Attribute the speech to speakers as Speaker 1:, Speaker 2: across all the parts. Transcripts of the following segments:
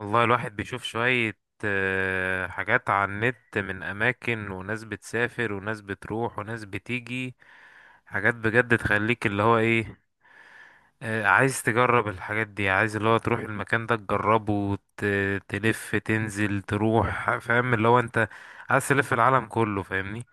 Speaker 1: والله الواحد بيشوف شوية حاجات على النت من أماكن، وناس بتسافر وناس بتروح وناس بتيجي. حاجات بجد تخليك اللي هو ايه. عايز تجرب الحاجات دي، عايز اللي هو تروح المكان ده تجربه تلف تنزل تروح، فاهم اللي هو انت عايز تلف العالم كله، فاهمني.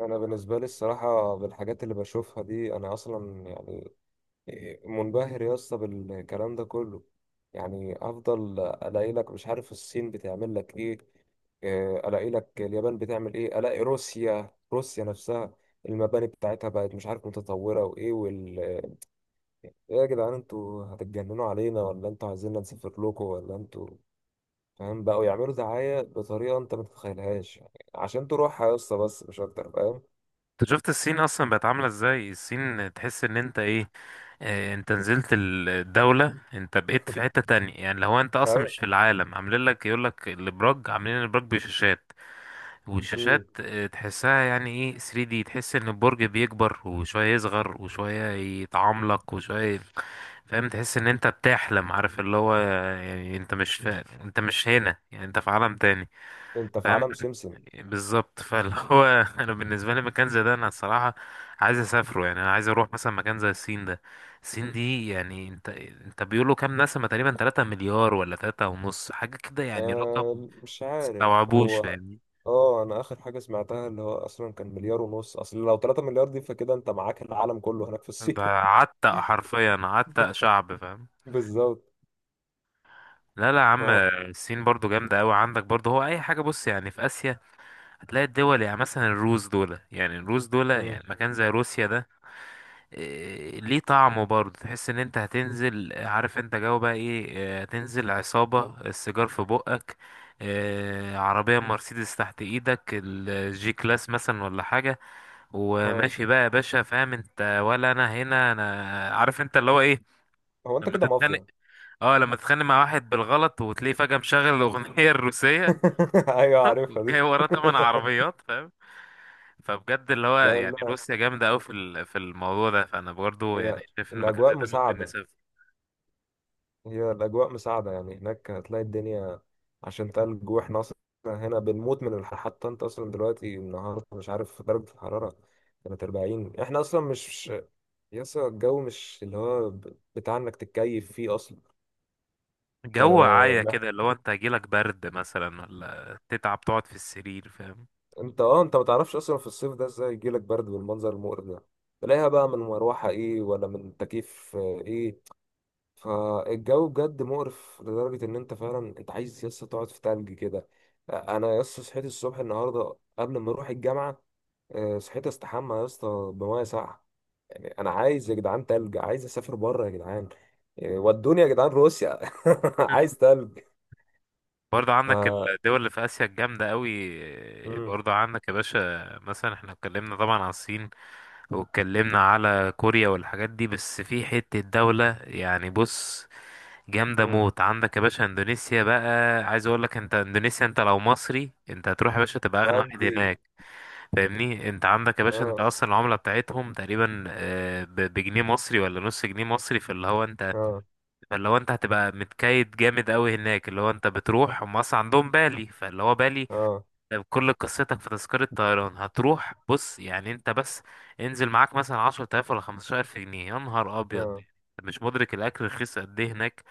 Speaker 2: انا بالنسبه لي الصراحه، بالحاجات اللي بشوفها دي انا اصلا يعني منبهر يا اسطى بالكلام ده كله. يعني افضل الاقي لك مش عارف الصين بتعمل لك ايه؟ الاقي لك اليابان بتعمل ايه، الاقي روسيا، روسيا نفسها المباني بتاعتها بقت مش عارف متطوره، وايه وال ايه. يا جدعان، انتوا هتتجننوا علينا ولا انتوا عايزيننا نسافر لكم؟ ولا انتوا، فاهم، بقوا يعملوا دعايه بطريقه انت ما تتخيلهاش يعني عشان تروحها يا اسطى؟ بس مش اكتر، فاهم.
Speaker 1: انت شفت الصين اصلا بقت عاملة ازاي؟ الصين تحس ان انت ايه. انت نزلت الدولة، انت بقيت في حتة تانية. يعني لو انت اصلا مش في العالم، عاملين لك يقول لك الابراج، عاملين الابراج بشاشات. والشاشات
Speaker 2: ايوه،
Speaker 1: تحسها يعني ايه 3D، تحس ان البرج بيكبر وشوية، يصغر وشوية، يتعملق وشوية. فاهم، تحس ان انت بتحلم، عارف اللي هو. يعني انت مش فا... انت مش هنا، يعني انت في عالم تاني.
Speaker 2: انت في
Speaker 1: فاهم،
Speaker 2: عالم سمسم.
Speaker 1: بالظبط. فاللي هو انا بالنسبه لي مكان زي ده، انا الصراحه عايز اسافره. يعني انا عايز اروح مثلا مكان زي الصين ده. الصين دي يعني انت بيقولوا كام نسمه؟ تقريبا 3 مليار ولا 3 ونص، حاجه كده. يعني رقم
Speaker 2: مش عارف
Speaker 1: مستوعبوش،
Speaker 2: هو.
Speaker 1: فاهمني.
Speaker 2: اه، انا اخر حاجه سمعتها اللي هو اصلا كان مليار ونص. اصل لو 3 مليار دي فكده انت معاك العالم كله هناك في
Speaker 1: ده
Speaker 2: الصين.
Speaker 1: عتق، حرفيا عتق شعب، فاهم.
Speaker 2: بالظبط.
Speaker 1: لا لا يا عم.
Speaker 2: ف...
Speaker 1: الصين برضو جامدة أوي. عندك برضو، هو أي حاجة بص يعني في آسيا هتلاقي الدول. يعني مثلا الروس دول، يعني الروس دول
Speaker 2: مم.
Speaker 1: يعني مكان زي روسيا ده. ليه طعمه برضه. تحس ان انت هتنزل، عارف انت جو بقى ايه. هتنزل عصابة السيجار في بقك. عربية مرسيدس تحت ايدك، الجي كلاس مثلا ولا حاجة.
Speaker 2: اه،
Speaker 1: وماشي بقى يا باشا، فاهم انت ولا انا، هنا انا عارف انت اللي هو ايه.
Speaker 2: هو انت
Speaker 1: لما
Speaker 2: كده
Speaker 1: تتخانق،
Speaker 2: مافيا؟
Speaker 1: اه لما تتخانق مع واحد بالغلط وتلاقيه فجأة مشغل الاغنية الروسية
Speaker 2: ايوه، عارفها دي.
Speaker 1: وجاي وراه تمن عربيات، فاهم. فبجد اللي هو
Speaker 2: لا،
Speaker 1: يعني
Speaker 2: لا.
Speaker 1: روسيا جامدة أوي في في الموضوع ده. فأنا برضو يعني
Speaker 2: هي
Speaker 1: شايف إن مكان
Speaker 2: الاجواء
Speaker 1: زي ده ممكن
Speaker 2: مساعده.
Speaker 1: نسافر.
Speaker 2: هي الاجواء مساعده، يعني هناك هتلاقي الدنيا عشان تلج. واحنا اصلا هنا بنموت من الحر، حتى انت اصلا دلوقتي النهارده مش عارف درجه الحراره كانت 40. احنا اصلا مش يسا الجو مش اللي هو بتاع انك تتكيف فيه اصلا.
Speaker 1: جو
Speaker 2: آه
Speaker 1: عاية
Speaker 2: مح-
Speaker 1: كده اللي هو أنت هيجيلك برد مثلا، ولا تتعب تقعد في السرير، فاهم.
Speaker 2: انت ما تعرفش اصلا في الصيف ده ازاي يجيلك برد بالمنظر المقرف ده. تلاقيها بقى من مروحة ايه ولا من تكييف، ايه. فالجو بجد مقرف لدرجة ان انت فعلا، انت عايز يسا تقعد في تلج كده. انا يسا صحيت الصبح النهاردة قبل ما اروح الجامعة. صحيت استحمى يا اسطى بميه ساقعه. يعني انا عايز يا جدعان تلج، عايز اسافر بره يا جدعان. يعني ودوني يا جدعان روسيا. عايز تلج.
Speaker 1: برضه عندك الدول اللي في آسيا الجامدة أوي.
Speaker 2: مم.
Speaker 1: برضه عندك يا باشا مثلا، احنا اتكلمنا طبعا عن الصين، واتكلمنا على كوريا والحاجات دي. بس في حتة دولة يعني بص، جامدة
Speaker 2: مم.
Speaker 1: موت، عندك يا باشا اندونيسيا بقى. عايز اقول لك انت، اندونيسيا انت لو مصري انت هتروح يا باشا تبقى اغنى واحد
Speaker 2: ودي.
Speaker 1: هناك، فاهمني. انت عندك يا باشا، انت
Speaker 2: اه،
Speaker 1: اصلا العملة بتاعتهم تقريبا، بجنيه مصري ولا نص جنيه مصري. فاللي هو انت،
Speaker 2: اه،
Speaker 1: فاللي هو انت هتبقى متكيد جامد قوي هناك. اللي هو انت بتروح، هم اصلا عندهم بالي، فاللي هو بالي
Speaker 2: اه،
Speaker 1: كل قصتك في تذكرة طيران. هتروح بص، يعني انت بس انزل معاك مثلا عشرة آلاف ولا خمستاشر ألف جنيه، يا نهار أبيض.
Speaker 2: اه،
Speaker 1: انت مش مدرك الأكل رخيص قد إيه هناك.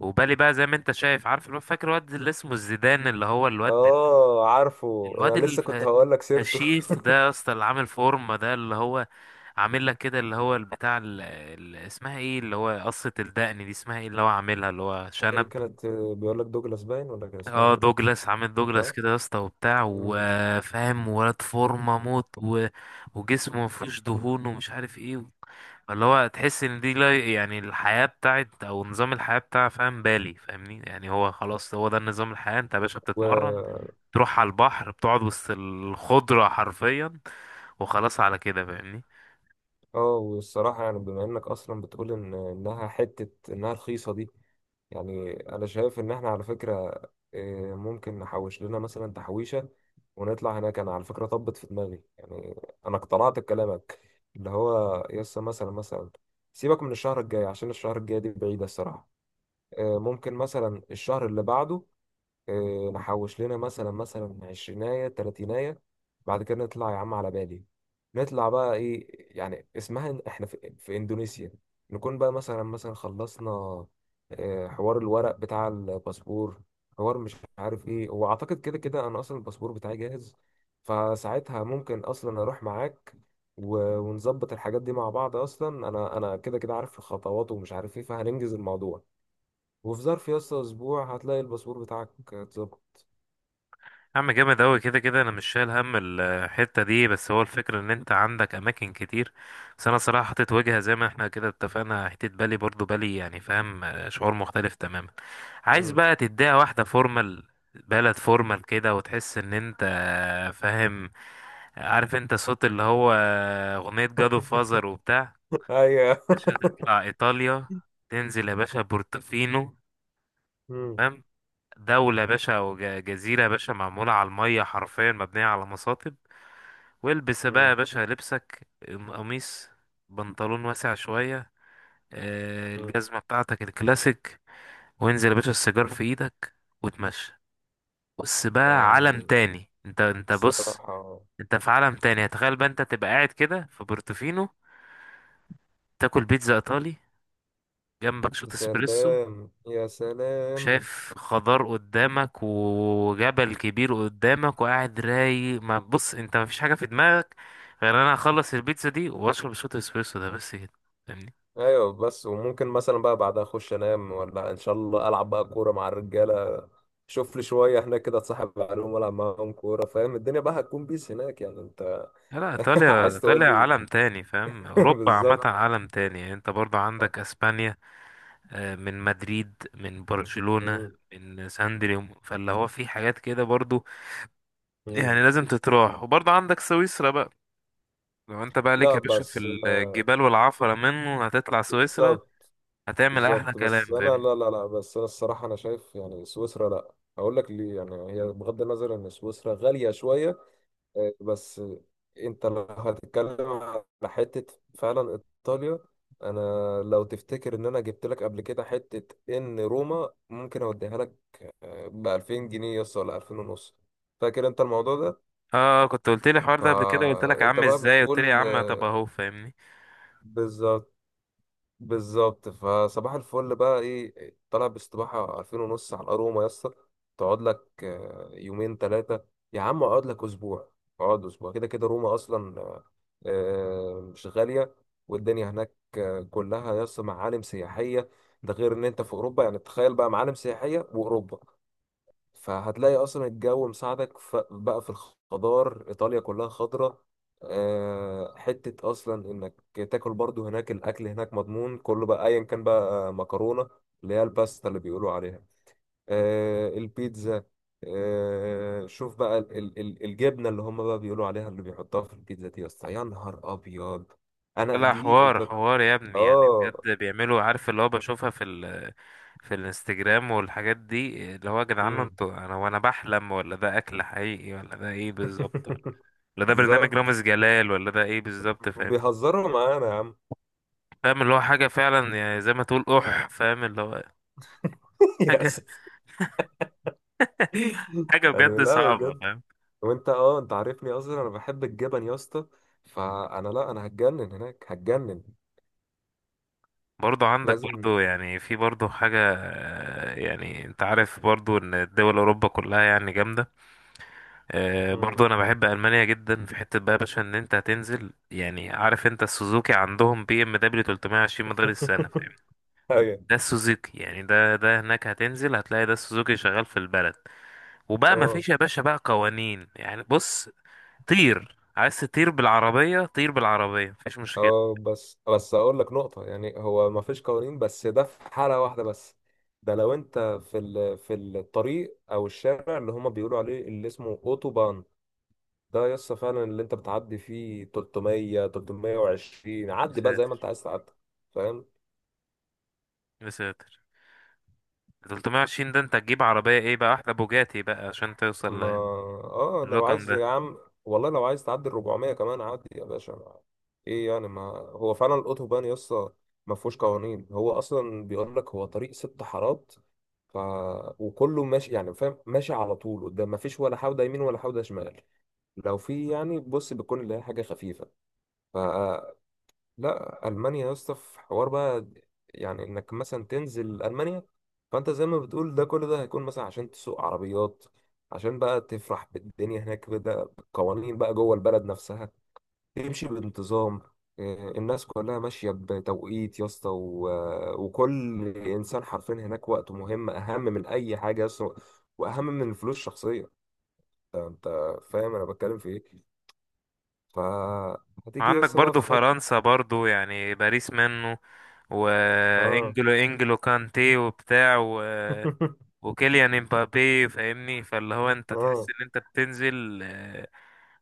Speaker 1: وبالي بقى زي ما انت شايف، عارف فاكر الواد اللي اسمه الزيدان، اللي هو الواد،
Speaker 2: اه، عارفه
Speaker 1: الواد
Speaker 2: انا لسه كنت
Speaker 1: الف-
Speaker 2: هقول لك سيرته.
Speaker 1: الفشيخ ده يا اسطى، اللي عامل فورمة ده، اللي هو عامل لك كده، اللي هو البتاع اسمها ايه، اللي هو قصة الدقن دي، اسمها ايه، اللي هو عاملها اللي هو
Speaker 2: إيه
Speaker 1: شنب.
Speaker 2: كانت بيقول لك دوجلاس باين، ولا كان اسمها
Speaker 1: اه
Speaker 2: ايه؟
Speaker 1: دوجلاس، عامل دوجلاس
Speaker 2: صح.
Speaker 1: كده يا اسطى وبتاع
Speaker 2: مم.
Speaker 1: وفاهم، ولد فورمه موت وجسمه مفيهوش دهون ومش عارف ايه. اللي هو تحس ان دي، لا يعني الحياة بتاعت، او نظام الحياة بتاع، فاهم، بالي، فاهمني. يعني هو خلاص، هو ده نظام الحياة. انت يا باشا بتتمرن،
Speaker 2: و
Speaker 1: تروح على البحر، بتقعد وسط الخضرة حرفيا، وخلاص على كده، فاهمني.
Speaker 2: اه، والصراحه يعني، بما انك اصلا بتقول ان انها حته انها رخيصه دي، يعني انا شايف ان احنا على فكرة، إيه، ممكن نحوش لنا مثلا تحويشة ونطلع هناك. انا على فكرة طبت في دماغي يعني، انا اقتنعت بكلامك. اللي هو يسا مثلا، سيبك من الشهر الجاي عشان الشهر الجاي دي بعيدة الصراحة. إيه، ممكن مثلا الشهر اللي بعده. نحوش لنا مثلا عشريناية تلاتيناية. بعد كده نطلع يا عم على بالي. نطلع بقى ايه؟ يعني اسمها احنا في اندونيسيا. نكون بقى مثلا خلصنا حوار الورق بتاع الباسبور، حوار مش عارف ايه. هو اعتقد كده كده انا اصلا الباسبور بتاعي جاهز، فساعتها ممكن اصلا اروح معاك ونظبط الحاجات دي مع بعض. اصلا انا كده كده عارف الخطوات ومش عارف ايه، فهننجز الموضوع. وفي ظرف يا اسطى اسبوع هتلاقي الباسبور بتاعك اتظبط.
Speaker 1: يا عم جامد أوي، كده كده أنا مش شايل هم الحتة دي. بس هو الفكرة إن أنت عندك أماكن كتير. بس أنا صراحة حطيت وجهة زي ما احنا كده اتفقنا، حتة بالي، برضو بالي يعني فاهم. شعور مختلف تماما. عايز
Speaker 2: مم.
Speaker 1: بقى تديها واحدة فورمال، بلد فورمال كده، وتحس إن أنت فاهم. عارف أنت صوت اللي هو أغنية جادو فازر وبتاع.
Speaker 2: ايوه.
Speaker 1: باشا تطلع إيطاليا، تنزل يا باشا بورتوفينو.
Speaker 2: مم.
Speaker 1: تمام. دولة يا باشا، أو جزيرة يا باشا معمولة على المية حرفيا، مبنية على مصاطب. والبس بقى يا
Speaker 2: مم.
Speaker 1: باشا لبسك، قميص، بنطلون واسع شوية،
Speaker 2: مم.
Speaker 1: الجزمة بتاعتك الكلاسيك، وانزل يا باشا السيجار في ايدك وتمشى. بص بقى
Speaker 2: يعني
Speaker 1: عالم تاني، انت بص.
Speaker 2: الصراحة،
Speaker 1: انت في عالم تاني. تخيل بقى انت تبقى قاعد كده في بورتوفينو، تاكل بيتزا ايطالي، جنبك
Speaker 2: يا
Speaker 1: شوت اسبريسو،
Speaker 2: سلام، يا سلام.
Speaker 1: شايف خضار قدامك وجبل كبير قدامك وقاعد رايق. ما بص، انت مفيش حاجة في دماغك غير انا اخلص البيتزا دي واشرب شوت اسبريسو ده، بس كده.
Speaker 2: ايوه، بس وممكن مثلا بقى بعدها اخش انام، ولا ان شاء الله العب بقى كورة مع الرجالة. شوف لي شوية هناك كده، اتصاحب عليهم والعب معاهم كورة، فاهم، الدنيا بقى هتكون بيس هناك يعني انت.
Speaker 1: لا لا، ايطاليا،
Speaker 2: عايز تقول
Speaker 1: ايطاليا
Speaker 2: لي.
Speaker 1: عالم تاني فاهم. اوروبا عامه
Speaker 2: بالظبط.
Speaker 1: عالم تاني. يعني انت برضو
Speaker 2: آه.
Speaker 1: عندك اسبانيا، من مدريد، من برشلونه،
Speaker 2: مم.
Speaker 1: من ساندريوم. فاللي هو في حاجات كده برضو.
Speaker 2: مم.
Speaker 1: يعني لازم تتراح. وبرضو عندك سويسرا بقى. لو انت بقى ليك
Speaker 2: لا،
Speaker 1: يا باشا في
Speaker 2: بس
Speaker 1: الجبال والعفره منه، هتطلع سويسرا،
Speaker 2: بالظبط،
Speaker 1: هتعمل احلى
Speaker 2: بالظبط. بس
Speaker 1: كلام
Speaker 2: انا،
Speaker 1: فاهمني.
Speaker 2: لا لا لا، بس انا الصراحه انا شايف يعني سويسرا لا. هقول لك ليه، يعني هي بغض النظر ان سويسرا غاليه شويه، بس انت لو هتتكلم على حته فعلا، ايطاليا، انا لو تفتكر ان انا جبت لك قبل كده حته ان روما ممكن اوديها لك ب 2000 جنيه يس، ولا 2000 ونص. فاكر انت الموضوع ده؟
Speaker 1: اه كنت قلت لي الحوار ده قبل كده، قلت لك يا
Speaker 2: فانت
Speaker 1: عم
Speaker 2: بقى
Speaker 1: ازاي، قلت لي يا
Speaker 2: بتقول
Speaker 1: عم طب اهو، فاهمني.
Speaker 2: بالظبط، بالظبط. فصباح الفل بقى ايه، طالع باستباحة 2000 ونص على الأروما يا اسطى. تقعد لك يومين ثلاثة. يا عم اقعد لك أسبوع. اقعد أسبوع كده كده، روما أصلا مش غالية، والدنيا هناك كلها يا اسطى معالم سياحية. ده غير إن أنت في أوروبا، يعني تخيل بقى، معالم سياحية وأوروبا. فهتلاقي اصلا الجو مساعدك، بقى في الخضار، ايطاليا كلها خضرة. حتة اصلا انك تاكل برضو هناك، الاكل هناك مضمون كله بقى، ايا كان، بقى مكرونة اللي هي الباستا اللي بيقولوا عليها، البيتزا. شوف بقى الجبنة اللي هم بقى بيقولوا عليها اللي بيحطوها في البيتزا دي يا اسطى، يا نهار ابيض، انا
Speaker 1: لا
Speaker 2: دي
Speaker 1: حوار
Speaker 2: انت.
Speaker 1: حوار يا ابني، يعني
Speaker 2: اه.
Speaker 1: بجد بيعملوا، عارف اللي هو، بشوفها في في الانستجرام والحاجات دي. اللي هو يا جدعان
Speaker 2: مم.
Speaker 1: انتوا، انا وانا بحلم، ولا ده اكل حقيقي، ولا ده ايه بالظبط، ولا ده برنامج
Speaker 2: بالظبط.
Speaker 1: رامز جلال، ولا ده ايه بالظبط، فاهم.
Speaker 2: بيهزروا معانا يا عم.
Speaker 1: فاهم اللي هو حاجة فعلا، يعني زي ما تقول اح، فاهم اللي هو
Speaker 2: يا
Speaker 1: حاجة
Speaker 2: اسف.
Speaker 1: حاجة
Speaker 2: يعني
Speaker 1: بجد
Speaker 2: لا،
Speaker 1: صعبة،
Speaker 2: بجد.
Speaker 1: فاهم.
Speaker 2: وانت اه انت عارفني اصلا انا بحب الجبن يا اسطى. فانا لا، انا هتجنن هناك، هتجنن.
Speaker 1: برضو عندك،
Speaker 2: لازم.
Speaker 1: برضو يعني في برضو حاجة، يعني انت عارف برضو ان الدول اوروبا كلها يعني جامدة.
Speaker 2: مم.
Speaker 1: برضو انا بحب المانيا جدا. في حته بقى يا باشا ان انت هتنزل، يعني عارف انت السوزوكي عندهم بي ام دبليو 320 مدار السنه فاهم.
Speaker 2: ايوه.
Speaker 1: ده السوزوكي يعني، ده هناك هتنزل هتلاقي ده السوزوكي شغال في البلد. وبقى ما
Speaker 2: اه،
Speaker 1: فيش يا باشا بقى قوانين، يعني بص، طير، عايز تطير بالعربيه طير بالعربيه، مفيش مشكله.
Speaker 2: اه، بس بس، اقول لك نقطة. يعني هو ما فيش قوانين بس ده في حالة واحدة بس. ده لو انت في الطريق او الشارع اللي هما بيقولوا عليه اللي اسمه اوتوبان. ده يا اسطى فعلا، اللي انت بتعدي فيه 300، 320،
Speaker 1: يا
Speaker 2: عدي بقى زي ما انت
Speaker 1: ساتر،
Speaker 2: عايز تعدي، فاهم.
Speaker 1: يا ساتر. 320 ده، انت تجيب عربيه ايه بقى، احلى بوجاتي بقى عشان
Speaker 2: ما،
Speaker 1: توصل
Speaker 2: اه، لو
Speaker 1: للرقم.
Speaker 2: عايز يا عم، والله لو عايز تعدي ال 400 كمان، عدي يا باشا ايه يعني، ما هو فعلا الاوتوبان يسطا ما فيهوش قوانين. هو اصلا بيقول لك هو طريق 6 حارات، ف وكله ماشي، يعني فاهم، ماشي على طول قدام، ما فيش ولا حوده يمين ولا حوده شمال. لو في يعني بص بتكون اللي هي حاجه خفيفه. لا، المانيا يا اسطى في حوار بقى، يعني انك مثلا تنزل المانيا. فانت زي ما بتقول ده، كل ده هيكون مثلا عشان تسوق عربيات، عشان بقى تفرح بالدنيا هناك، بدا بالقوانين بقى جوه البلد نفسها. تمشي بانتظام، الناس كلها ماشيه بتوقيت يا اسطى، وكل انسان حرفيا هناك وقته مهم اهم من اي حاجه يا اسطى، واهم من الفلوس الشخصيه. أنت فاهم انا بتكلم في ايه. فهتيجي يا
Speaker 1: عندك
Speaker 2: اسطى بقى
Speaker 1: برضو
Speaker 2: في حته.
Speaker 1: فرنسا، برضو يعني باريس منه،
Speaker 2: اه.
Speaker 1: وانجلو كانتي وبتاع وكيليان امبابي، فاهمني. فاللي هو انت تحس
Speaker 2: اه،
Speaker 1: ان انت بتنزل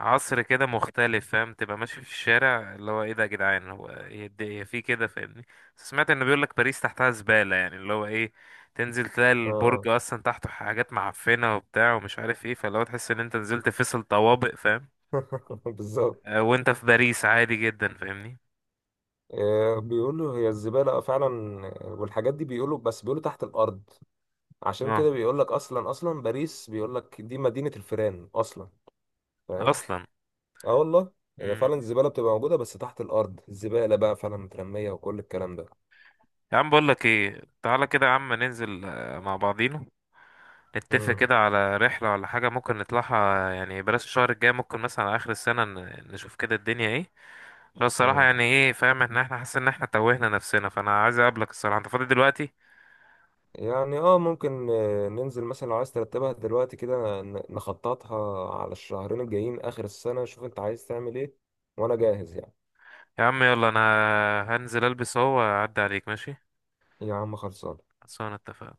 Speaker 1: عصر كده مختلف فاهم. تبقى ماشي في الشارع، اللي هو ايه ده يا جدعان، هو هي هي في كده، فاهمني. بس سمعت ان بيقول لك باريس تحتها زبالة، يعني اللي هو ايه، تنزل تلاقي
Speaker 2: اه،
Speaker 1: البرج اصلا تحته حاجات معفنة وبتاع ومش عارف ايه. فاللي هو تحس ان انت نزلت فيصل طوابق فاهم.
Speaker 2: اه. بالظبط.
Speaker 1: وانت في باريس عادي جدا فاهمني.
Speaker 2: بيقولوا هي الزبالة، اه فعلا. والحاجات دي بيقولوا، بس بيقولوا تحت الأرض. عشان
Speaker 1: اه
Speaker 2: كده بيقول لك أصلا، أصلا باريس بيقول لك دي مدينة الفيران أصلا، فاهم.
Speaker 1: اصلا.
Speaker 2: اه، والله، هي
Speaker 1: مم.
Speaker 2: فعلا الزبالة بتبقى موجودة بس تحت الأرض، الزبالة بقى فعلا مترمية، وكل الكلام ده.
Speaker 1: يا عم بقول لك ايه، تعالى كده يا عم ننزل مع بعضينا، نتفق
Speaker 2: مم.
Speaker 1: كده على رحلة ولا حاجة، ممكن نطلعها. يعني بلاش الشهر الجاي، ممكن مثلا على آخر السنة نشوف كده الدنيا ايه. بس الصراحة
Speaker 2: مم.
Speaker 1: يعني ايه فاهم، ان احنا حاسس ان احنا توهنا نفسنا. فانا عايز اقابلك الصراحة، انت فاضي دلوقتي؟
Speaker 2: يعني اه، ممكن ننزل مثلا، لو عايز ترتبها دلوقتي كده نخططها على الشهرين الجايين آخر السنة، شوف انت عايز تعمل ايه وأنا جاهز يعني.
Speaker 1: يا عم يلا انا هنزل البس اهو واعدي عليك، ماشي.
Speaker 2: يا عم خلصان.
Speaker 1: خلصانة، اتفقنا.